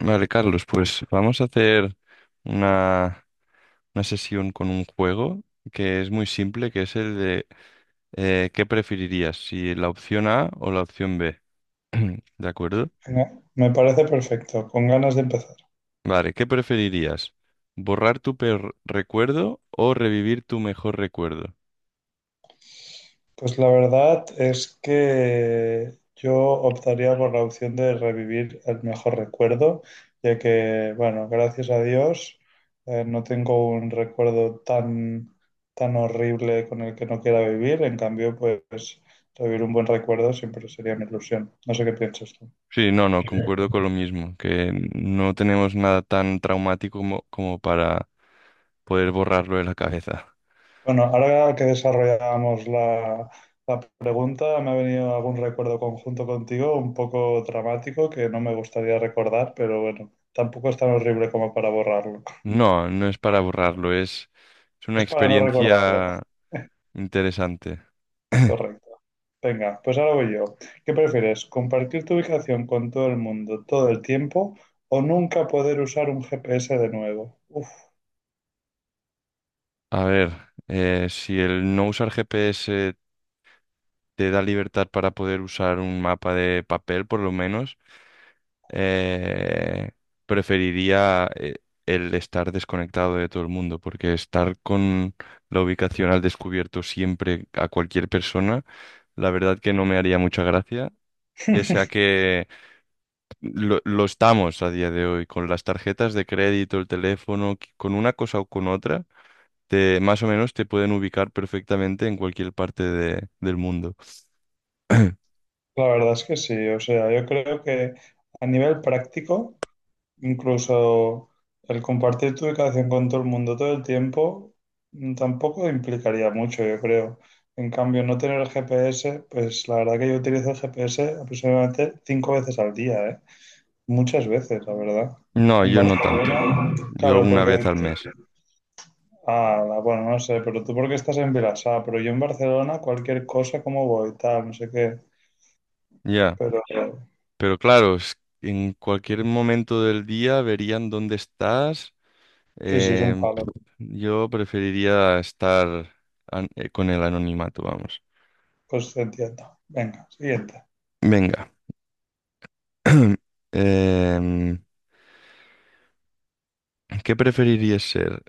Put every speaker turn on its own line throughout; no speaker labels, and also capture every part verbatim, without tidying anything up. Vale, Carlos, pues vamos a hacer una, una sesión con un juego que es muy simple, que es el de eh, ¿qué preferirías? Si ¿la opción A o la opción B? ¿De acuerdo?
Venga, me parece perfecto, con ganas de empezar.
Vale, ¿qué preferirías? ¿Borrar tu peor recuerdo o revivir tu mejor recuerdo?
Pues la verdad es que yo optaría por la opción de revivir el mejor recuerdo, ya que, bueno, gracias a Dios, eh, no tengo un recuerdo tan, tan horrible con el que no quiera vivir. En cambio, pues revivir un buen recuerdo siempre sería mi ilusión. No sé qué piensas tú.
Sí, no, no, concuerdo con lo mismo, que no tenemos nada tan traumático como, como para poder borrarlo de la cabeza.
Bueno, ahora que desarrollábamos la, la pregunta, me ha venido algún recuerdo conjunto contigo, un poco dramático, que no me gustaría recordar, pero bueno, tampoco es tan horrible como para borrarlo.
No, no es para borrarlo, es, es una
Es para no recordarlo,
experiencia interesante.
correcto. Venga, pues ahora voy yo. ¿Qué prefieres? ¿Compartir tu ubicación con todo el mundo todo el tiempo o nunca poder usar un G P S de nuevo? Uf.
A ver, eh, si el no usar G P S te da libertad para poder usar un mapa de papel, por lo menos, eh, preferiría eh, el estar desconectado de todo el mundo, porque estar con la ubicación al descubierto siempre a cualquier persona, la verdad que no me haría mucha gracia. Pese a que lo, lo estamos a día de hoy con las tarjetas de crédito, el teléfono, con una cosa o con otra, te, más o menos te pueden ubicar perfectamente en cualquier parte de- del mundo.
La verdad es que sí, o sea, yo creo que a nivel práctico, incluso el compartir tu ubicación con todo el mundo todo el tiempo, mm, tampoco implicaría mucho, yo creo. En cambio, no tener el G P S, pues la verdad que yo utilizo el G P S aproximadamente cinco veces al día, ¿eh? Muchas veces, la verdad.
No,
En
yo no tanto.
Barcelona,
Yo
claro,
una
porque...
vez al mes.
Ah, la- bueno, no sé, pero tú porque estás en Vilassar, pero yo en Barcelona cualquier cosa, como voy, tal, no sé qué.
Ya.
Pero
Pero claro, es- en cualquier momento del día verían dónde estás.
sí, sí, es un
Em, pf,
palo.
yo preferiría estar an- eh, con el anonimato, vamos.
Pues te entiendo. Venga, siguiente.
Venga. Em, ¿Qué preferirías ser?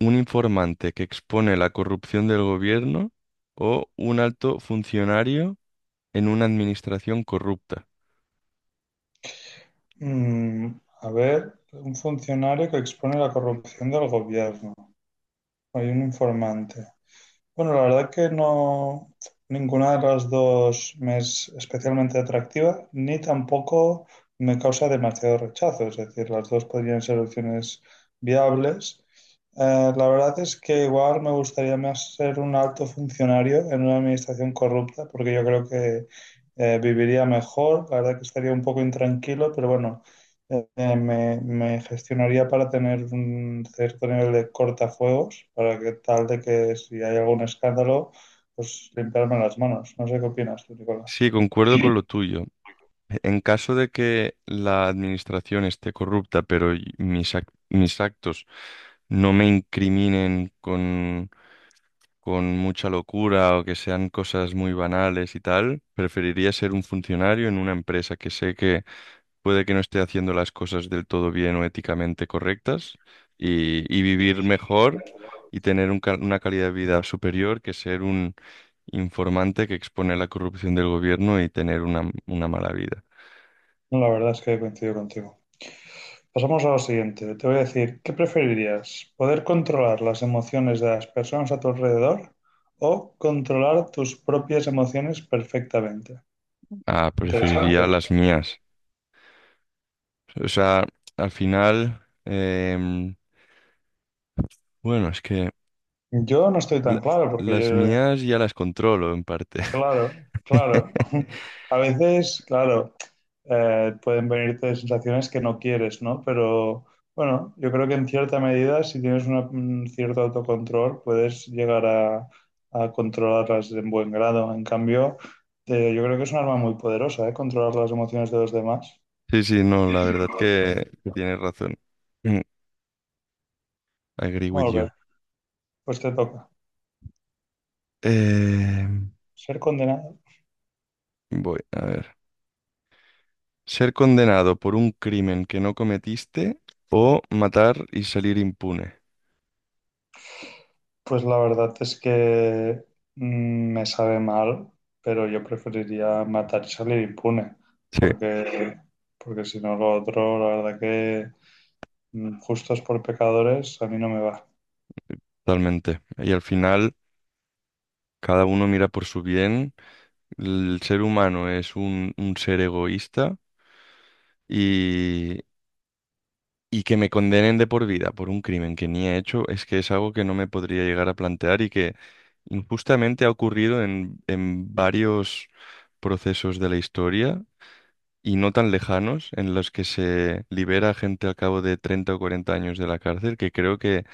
¿Un informante que expone la corrupción del gobierno o un alto funcionario en una administración corrupta?
Mm, a ver, un funcionario que expone la corrupción del gobierno. Hay un informante. Bueno, la verdad que no, ninguna de las dos me es especialmente atractiva, ni tampoco me causa demasiado rechazo. Es decir, las dos podrían ser opciones viables. Eh, la verdad es que igual me gustaría más ser un alto funcionario en una administración corrupta, porque yo creo que eh, viviría mejor. La verdad que estaría un poco intranquilo, pero bueno. Eh, me, me gestionaría para tener un cierto nivel de cortafuegos, para que tal de que si hay algún escándalo, pues limpiarme las manos. No sé qué opinas tú,
Sí,
Nicolás.
concuerdo con lo tuyo. En caso de que la administración esté corrupta, pero y- mis, ac- mis actos no me incriminen con, con mucha locura o que sean cosas muy banales y tal, preferiría ser un funcionario en una empresa que sé que puede que no esté haciendo las cosas del todo bien o éticamente correctas y, y vivir mejor y tener un ca- una calidad de vida superior que ser un informante que expone la corrupción del gobierno y tener una, una mala vida.
No, la verdad es que coincido contigo. Pasamos a lo siguiente. Te voy a decir, ¿qué preferirías? ¿Poder controlar las emociones de las personas a tu alrededor o controlar tus propias emociones perfectamente?
Ah,
Interesante.
preferiría las mías. O sea, al final, em, bueno, es que...
Yo no estoy tan
La-
claro porque
las
yo...
mías ya las controlo en parte.
Claro, claro. A veces, claro, eh, pueden venirte sensaciones que no quieres, ¿no? Pero bueno, yo creo que en cierta medida, si tienes una- un cierto autocontrol, puedes llegar a, a controlarlas en buen grado. En cambio, eh, yo creo que es un arma muy poderosa, ¿eh? Controlar las emociones de los demás.
Sí, sí, no, la verdad que, que tienes razón. Mm, agree with
Muy
you.
bien, pues te toca.
Eh,
Ser condenado.
voy, a ver. Ser condenado por un crimen que no cometiste o matar y salir impune.
Pues la verdad es que mm, me sabe mal, pero yo preferiría matar y salir impune,
Sí,
porque, porque si no lo otro, la verdad que mm, justos por pecadores a mí no me va.
totalmente. Y al final, cada uno mira por su bien. El ser humano es un, un ser egoísta y, y que me condenen de por vida por un crimen que ni he hecho es que es algo que no me podría llegar a plantear y que justamente ha ocurrido en, en varios procesos de la historia y no tan lejanos, en los que se libera gente al cabo de treinta o cuarenta años de la cárcel, que creo que,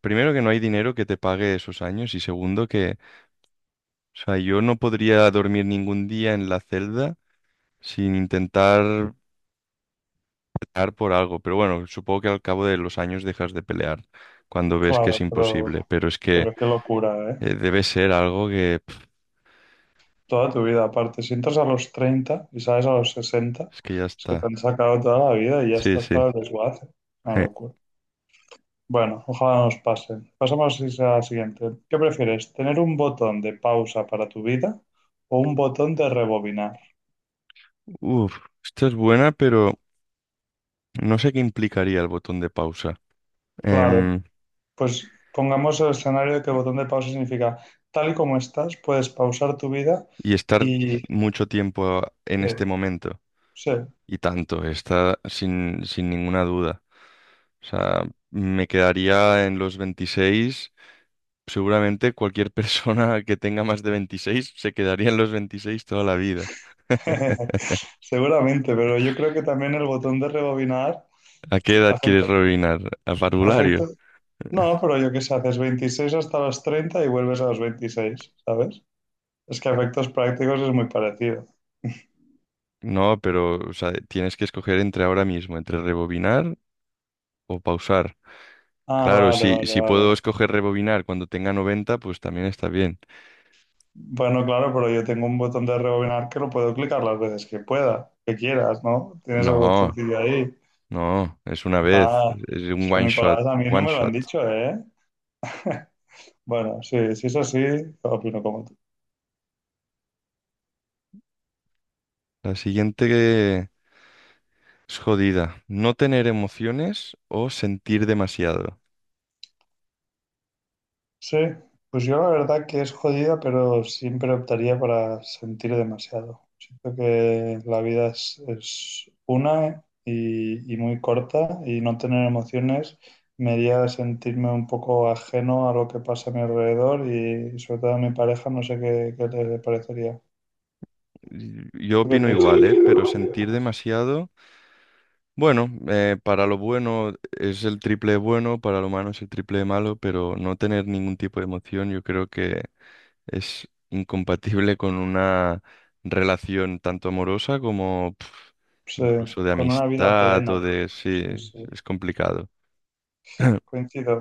primero, que no hay dinero que te pague esos años y segundo, que, o sea, yo no podría dormir ningún día en la celda sin intentar pelear por algo, pero bueno, supongo que al cabo de los años dejas de pelear cuando ves que es
Claro, pero,
imposible, pero es que
pero qué locura, ¿eh?
eh, debe ser algo que, pf,
Toda tu vida, aparte, si entras a los treinta y sales a los sesenta,
es que ya
es que te
está.
han sacado toda la vida y ya
Sí,
estás
sí.
para el desguace. Una locura. Bueno, ojalá no nos pase. Pasamos a la siguiente. ¿Qué prefieres? ¿Tener un botón de pausa para tu vida o un botón de rebobinar?
Uf, esta es buena, pero no sé qué implicaría el botón de pausa.
Claro,
Em,
pues pongamos el escenario de que el botón de pausa significa tal y como estás, puedes pausar tu vida
y estar
y...
mucho tiempo en
Sí,
este momento.
sí.
Y tanto, está sin, sin ninguna duda. O sea, me quedaría en los veintiséis. Seguramente cualquier persona que tenga más de veintiséis se quedaría en los veintiséis toda la vida.
Seguramente, pero yo creo que también el botón de rebobinar
¿A qué edad quieres
afecta...
rebobinar? ¿A parvulario?
afecta... No, pero yo qué sé, haces veintiséis hasta los treinta y vuelves a los veintiséis, ¿sabes? Es que a efectos prácticos es muy parecido.
No, pero o sea, tienes que escoger entre ahora mismo, entre rebobinar o pausar.
Ah,
Claro,
vale,
si,
vale,
si puedo
vale.
escoger rebobinar cuando tenga noventa, pues también está bien.
Bueno, claro, pero yo tengo un botón de rebobinar que lo puedo clicar las veces que pueda, que quieras, ¿no? Tienes el
No,
botoncillo ahí.
no, es una vez,
Ah,
es un
eso,
one shot,
Nicolás, a mí no
one
me lo han
shot.
dicho, ¿eh? Bueno, sí, si es así, opino como tú.
La siguiente que es jodida: no tener emociones o sentir demasiado.
Sí, pues yo la verdad que es jodida, pero siempre optaría para sentir demasiado. Siento que la vida es, es una y, y muy corta y no tener emociones me haría sentirme un poco ajeno a lo que pasa a mi alrededor y sobre todo a mi pareja, no sé qué, qué le parecería.
Y- Yo
¿Tú qué
opino igual,
piensas?
¿eh? Pero sentir demasiado, bueno, eh, para lo bueno es el triple de bueno, para lo malo es el triple de malo, pero no tener ningún tipo de emoción, yo creo que es incompatible con una relación tanto amorosa como, pf,
Sí,
incluso de
con una vida
amistad
plena.
o de... Sí,
Sí, sí.
es complicado.
Coincido.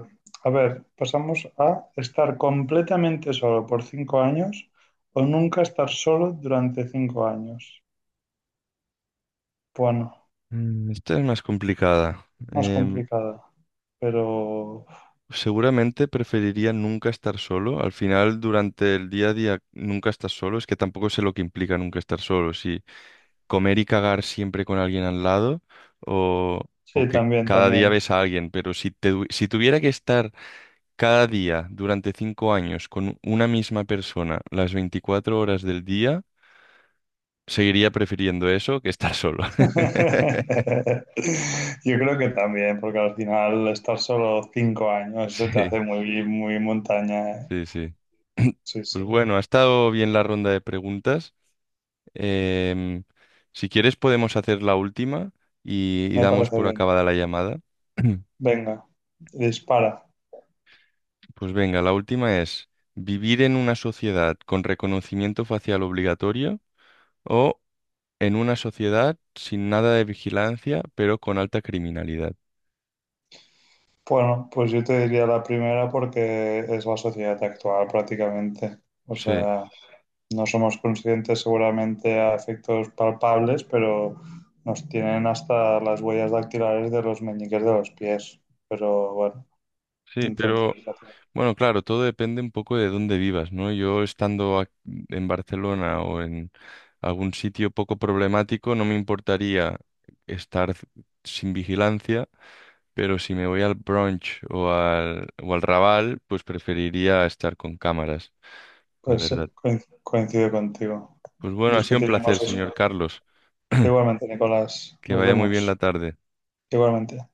A ver, pasamos a estar completamente solo por cinco años o nunca estar solo durante cinco años. Bueno,
Mm, esta es más complicada.
es más
Em,
complicada, pero
seguramente preferiría nunca estar solo. Al final, durante el día a día, nunca estás solo. Es que tampoco sé lo que implica nunca estar solo. Si comer y cagar siempre con alguien al lado o, o
sí,
que
también,
cada día
también.
ves a alguien. Pero si, te- si tuviera que estar cada día durante cinco años con una misma persona las veinticuatro horas del día, seguiría prefiriendo eso que estar solo.
Yo creo que también, porque al final estar solo cinco años se te
Sí,
hace muy, muy montaña, ¿eh?
sí, sí.
Sí,
Pues
sí,
bueno, ha estado bien la ronda de preguntas. Em, si quieres podemos hacer la última y, y
me
damos
parece
por
bien.
acabada la llamada.
Venga, dispara.
Pues venga, la última es: ¿vivir en una sociedad con reconocimiento facial obligatorio o en una sociedad sin nada de vigilancia pero con alta criminalidad?
Bueno, pues yo te diría la primera porque es la sociedad actual prácticamente. O
Sí.
sea, no somos conscientes seguramente a efectos palpables, pero nos tienen hasta las huellas dactilares de los meñiques de los pies. Pero bueno,
Sí,
entonces,
pero bueno, claro, todo depende un poco de dónde vivas, ¿no? Yo estando ac- en Barcelona o en algún sitio poco problemático, no me importaría estar c- sin vigilancia, pero si me voy al brunch o al, o al Raval, pues preferiría estar con cámaras, la
pues sí,
verdad.
coin- coincido contigo.
Pues bueno, ha sido un placer,
Discutiremos eso.
señor Carlos.
Igualmente, Nicolás,
Que
nos
vaya muy bien la
vemos.
tarde.
Igualmente.